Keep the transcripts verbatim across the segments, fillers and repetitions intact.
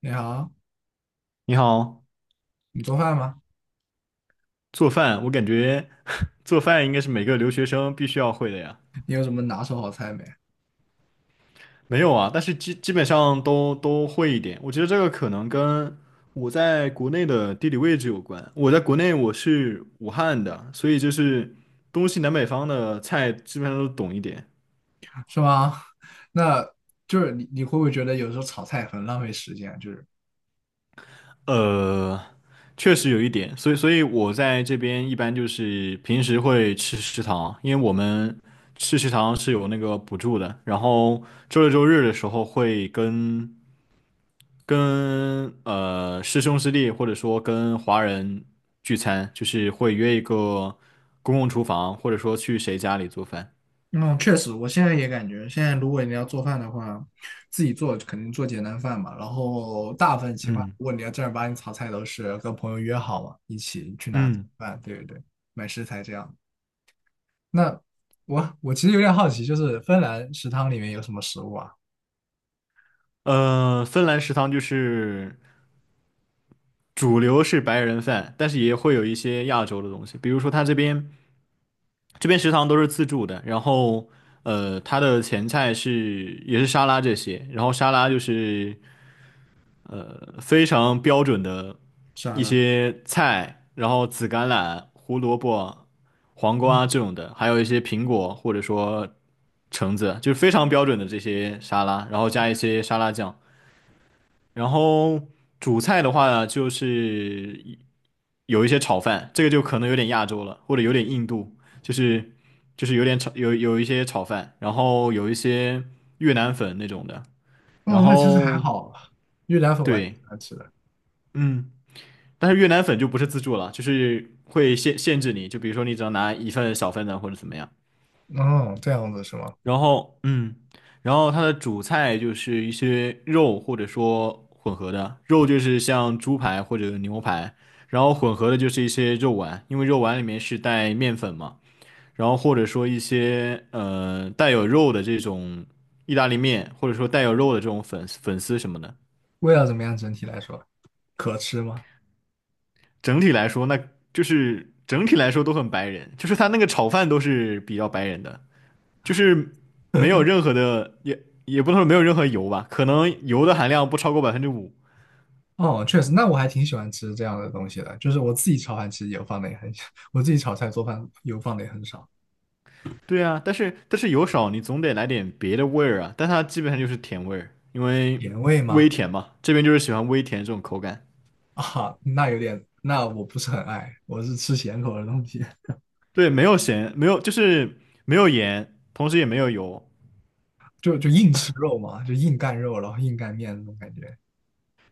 你好，你好，你做饭吗？做饭，我感觉 做饭应该是每个留学生必须要会的呀。你有什么拿手好菜没？没有啊，但是基基本上都都会一点。我觉得这个可能跟我在国内的地理位置有关。我在国内我是武汉的，所以就是东西南北方的菜基本上都懂一点。是吗？那就是你，你会不会觉得有时候炒菜很浪费时间？就是，呃，确实有一点，所以所以我在这边一般就是平时会吃食堂，因为我们吃食堂是有那个补助的，然后周六周日的时候会跟跟呃师兄师弟或者说跟华人聚餐，就是会约一个公共厨房，或者说去谁家里做饭。嗯，确实，我现在也感觉，现在如果你要做饭的话，自己做肯定做简单饭嘛。然后大部分情况，嗯。如果你要正儿八经炒菜，都是跟朋友约好嘛，一起去拿嗯。饭，对对对，买食材这样。那我我其实有点好奇，就是芬兰食堂里面有什么食物啊？呃，芬兰食堂就是主流是白人饭，但是也会有一些亚洲的东西，比如说他这边这边食堂都是自助的，然后呃，它的前菜是也是沙拉这些，然后沙拉就是。呃，非常标准的完一了，些菜，然后紫甘蓝、胡萝卜、黄瓜这种的，还有一些苹果或者说橙子，就是非常标准的这些沙拉，然后加一些沙拉酱。然后主菜的话呢，就是有一些炒饭，这个就可能有点亚洲了，或者有点印度，就是就是有点炒有有一些炒饭，然后有一些越南粉那种的，然哦，那其实还后好，越南粉我还挺对，喜欢吃的。嗯。但是越南粉就不是自助了，就是会限限制你，就比如说你只能拿一份小份的或者怎么样。哦，这样子是吗？然后，嗯，然后它的主菜就是一些肉或者说混合的，肉就是像猪排或者牛排，然后混合的就是一些肉丸，因为肉丸里面是带面粉嘛，然后或者说一些呃带有肉的这种意大利面，或者说带有肉的这种粉丝粉丝什么的。味道怎么样？整体来说，可吃吗？整体来说，那就是整体来说都很白人，就是他那个炒饭都是比较白人的，就是没有 任何的，也也不能说没有任何油吧，可能油的含量不超过百分之五。哦，确实，那我还挺喜欢吃这样的东西的。就是我自己炒饭其实油放的也很少，我自己炒菜做饭油放的也很少。对啊，但是但是油少，你总得来点别的味儿啊。但它基本上就是甜味儿，因为甜味微吗？甜嘛，这边就是喜欢微甜这种口感。啊，那有点，那我不是很爱，我是吃咸口的东西，对，没有咸，没有就是没有盐，同时也没有油。就就硬吃肉嘛，就硬干肉，然后硬干面那种感觉，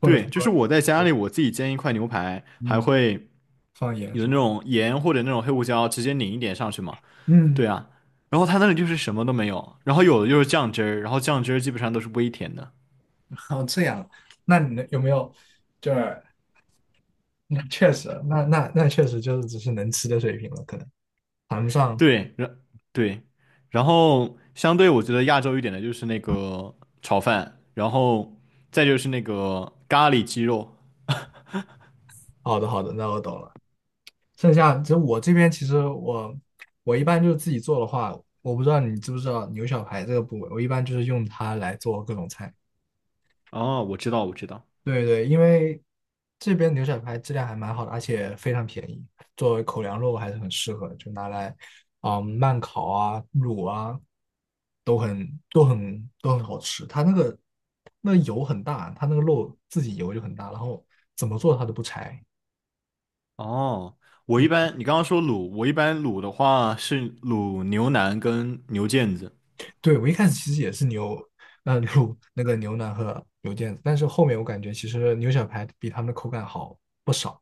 或者对，说，就是我在家里我自己煎一块牛排，还嗯，会放盐有什那么，种盐或者那种黑胡椒直接拧一点上去嘛。嗯，对啊，然后它那里就是什么都没有，然后有的就是酱汁儿，然后酱汁儿基本上都是微甜的。哦，这样，那你呢有没有就是那确实，那那那确实就是只是能吃的水平了，可能谈不上。对，然对，然后相对我觉得亚洲一点的就是那个炒饭，然后再就是那个咖喱鸡肉。好的，好的，那我懂了。剩下就我这边，其实我我一般就是自己做的话，我不知道你知不知道牛小排这个部位，我一般就是用它来做各种菜。哦，我知道，我知道。对对，因为这边牛小排质量还蛮好的，而且非常便宜，作为口粮肉还是很适合，就拿来啊、慢烤啊、卤啊，都很都很都很好吃。它那个那油很大，它那个肉自己油就很大，然后怎么做它都不柴。哦，我一嗯，般你刚刚说卤，我一般卤的话是卤牛腩跟牛腱子。对，我一开始其实也是牛，呃，卤那个牛腩和牛腱子，但是后面我感觉其实牛小排比他们的口感好不少。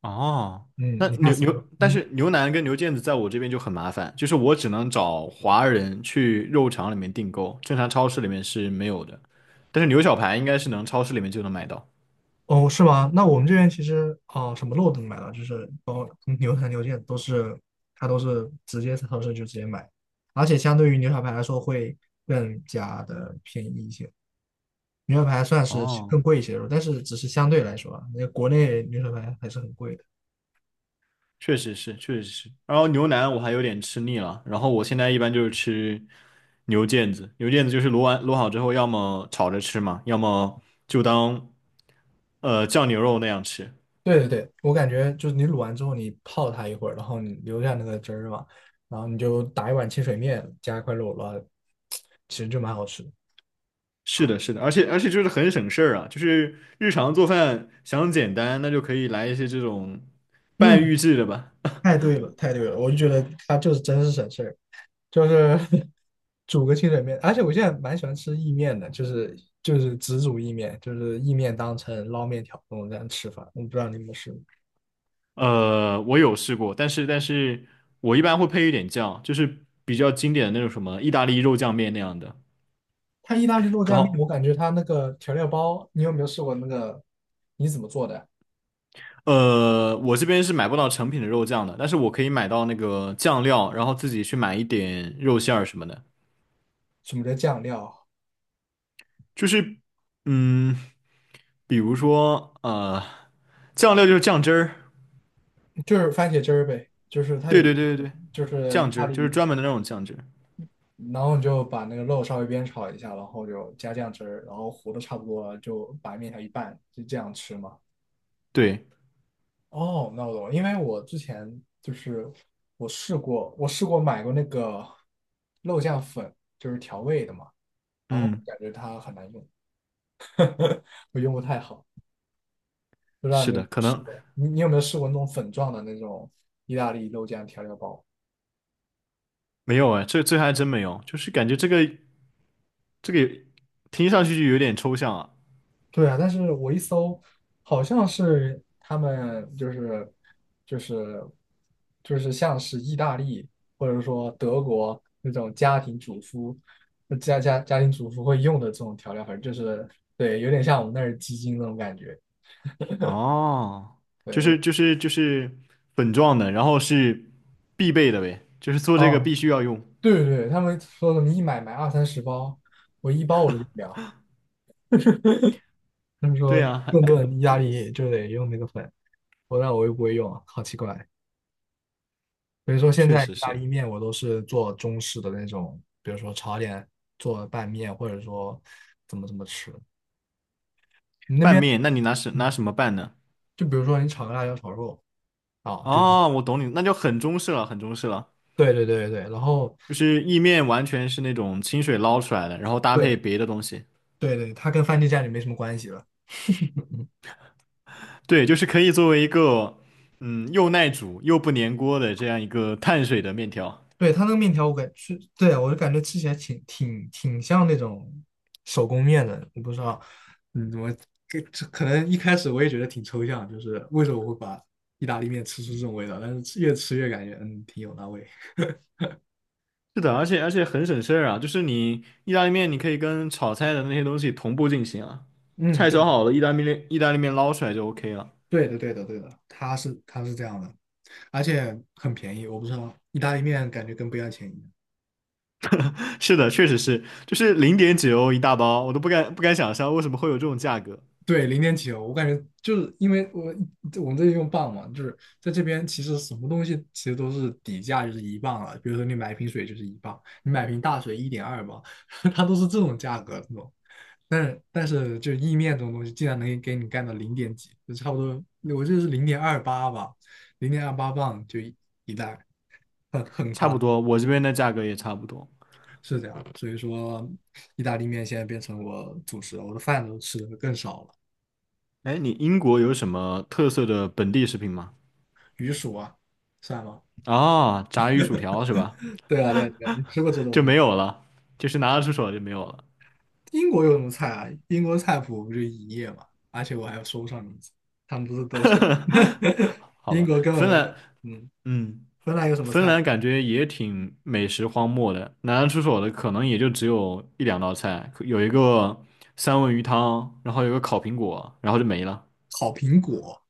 哦，那嗯，你看牛什牛，么？但嗯，是牛腩跟牛腱子在我这边就很麻烦，就是我只能找华人去肉场里面订购，正常超市里面是没有的。但是牛小排应该是能超市里面就能买到。哦，是吗？那我们这边其实哦、呃什么肉都能买到，就是包括牛排、牛腱都是，它都是直接在超市就直接买，而且相对于牛小排来说会更加的便宜一些。牛小排算是哦，更贵一些的肉，但是只是相对来说啊，那国内牛小排还是很贵的。确实是，确实是。然后牛腩我还有点吃腻了，然后我现在一般就是吃牛腱子，牛腱子就是卤完卤好之后，要么炒着吃嘛，要么就当呃酱牛肉那样吃。对对对，我感觉就是你卤完之后，你泡它一会儿，然后你留下那个汁儿嘛，然后你就打一碗清水面，加一块肉了，然后其实就蛮好吃的。是的，是的，而且而且就是很省事儿啊，就是日常做饭想简单，那就可以来一些这种半嗯，预制的吧。太对了，太对了，我就觉得它就是真是省事儿。就是 煮个清水面，而且我现在蛮喜欢吃意面的，就是就是只煮意面，就是意面当成捞面条那种这样吃法。我不知道你有没有试过，呃，我有试过，但是但是我一般会配一点酱，就是比较经典的那种什么意大利肉酱面那样的。它意大利肉然酱面，后我感觉它那个调料包，你有没有试过那个？你怎么做的？呃，我这边是买不到成品的肉酱的，但是我可以买到那个酱料，然后自己去买一点肉馅儿什么的。什么叫酱料？就是嗯，比如说呃，酱料就是酱汁儿。就是番茄汁儿呗，就是它对有，对对对对，就是意酱大汁就是利，专门的那种酱汁。然后你就把那个肉稍微煸炒一下，然后就加酱汁儿，然后糊的差不多了，就把面条一拌，就这样吃嘛。对，哦，那我懂了，因为我之前就是我试过，我试过买过那个肉酱粉，就是调味的嘛，然后嗯，感觉它很难用，我用不太好，不知道你是有没的，有可试能过？你你有没有试过那种粉状的那种意大利肉酱调料包？没有哎，这这还真没有，就是感觉这个这个听上去就有点抽象啊。对啊，但是我一搜，好像是他们就是就是就是像是意大利或者说德国那种家庭主妇家家家庭主妇会用的这种调料粉，就是对，有点像我们那儿鸡精那种感觉。哦，就对，我是就是就是粉状的，然后是必备的呗，就是做这个哦，必须要用。对对对，他们说什么一买买二三十包，我一包我都用不了。他们对说呀，还顿顿意大利就得用那个粉，我那我又不会用，好奇怪。比如说现确在实意大是利面我都是做中式的那种，比如说炒点做拌面，或者说怎么怎么吃。你那拌边，面，那你拿什拿嗯，什么拌呢？就比如说你炒个辣椒炒肉啊，就是哦，我懂你，那就很中式了，很中式了，对对对对，然后就是意面完全是那种清水捞出来的，然后搭配对别的东西。对对，它跟番茄酱就没什么关系了。对，就是可以作为一个，嗯，又耐煮又不粘锅的这样一个碳水的面条。对，它那个面条我感是，对啊，我就感觉吃起来挺挺挺像那种手工面的，我不知道，嗯，我这这可能一开始我也觉得挺抽象，就是为什么我会把意大利面吃出这种味道，但是吃越吃越感觉嗯挺有那味。是的，而且而且很省事儿啊，就是你意大利面，你可以跟炒菜的那些东西同步进行啊。嗯，菜对炒的，好了，意大利面意大利面捞出来就 OK 了。对的，对的，对的，它是它是这样的，而且很便宜。我不知道意大利面感觉跟不要钱一样。是的，确实是，就是零点几欧一大包，我都不敢不敢想象为什么会有这种价格。对，零点九，我感觉就是因为我我们这里用磅嘛，就是在这边其实什么东西其实都是底价就是一磅了。比如说你买一瓶水就是一磅，你买瓶大水一点二磅，它都是这种价格这种。但是但是就意面这种东西，竟然能给你干到零点几，就差不多，我记得是零点二八吧，零点二八磅就一一袋，很很差夸不张。多，我这边的价格也差不多。是这样，所以说意大利面现在变成我主食了，我的饭都吃的更少了。哎，你英国有什么特色的本地食品吗？鱼薯啊，算吗？啊、炸鱼薯条是吧？对啊，对啊，对啊，你吃过这就东西？没有了，就是拿得出手就没有了。英国有什么菜啊？英国菜谱不就一页吗？而且我还说不上名字，他们不是都是 好英吧，国根本芬没兰，有。嗯，嗯，芬兰有什么芬菜？兰感觉也挺美食荒漠的，拿得出手的可能也就只有一两道菜，可有一个三文鱼汤，然后有个烤苹果，然后就没了。烤苹果，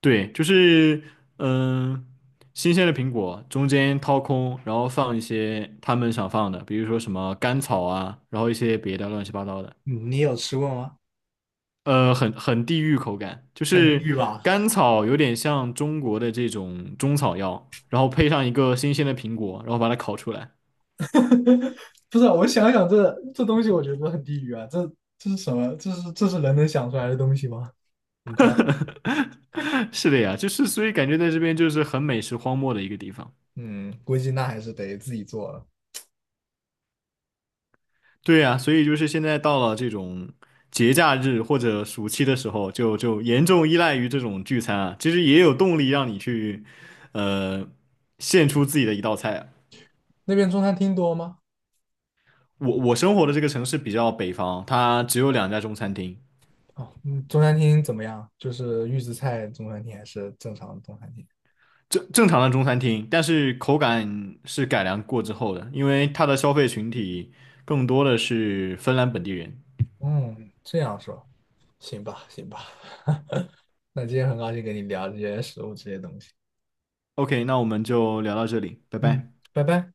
对，就是嗯，新鲜的苹果中间掏空，然后放一些他们想放的，比如说什么甘草啊，然后一些别的乱七八糟的。嗯，你有吃过吗？呃，很很地域口感，就很地是狱吧？甘草有点像中国的这种中草药，然后配上一个新鲜的苹果，然后把它烤出来。不是啊，我想想这这东西，我觉得很地狱啊！这这是什么？这是这是人能想出来的东西吗？很 是的呀，就是所以感觉在这边就是很美食荒漠的一个地方。嗯，估计那还是得自己做了。对呀，所以就是现在到了这种节假日或者暑期的时候，就就严重依赖于这种聚餐啊，其实也有动力让你去，呃，献出自己的一道菜啊那边中餐厅多吗？我我生活的这个城市比较北方，它只有两家中餐厅。哦，嗯，中餐厅怎么样？就是预制菜中餐厅还是正常的中餐厅？正正常的中餐厅，但是口感是改良过之后的，因为它的消费群体更多的是芬兰本地人。嗯，这样说行吧，行吧。那今天很高兴跟你聊这些食物这些东西。OK，那我们就聊到这里，拜嗯，拜。拜拜。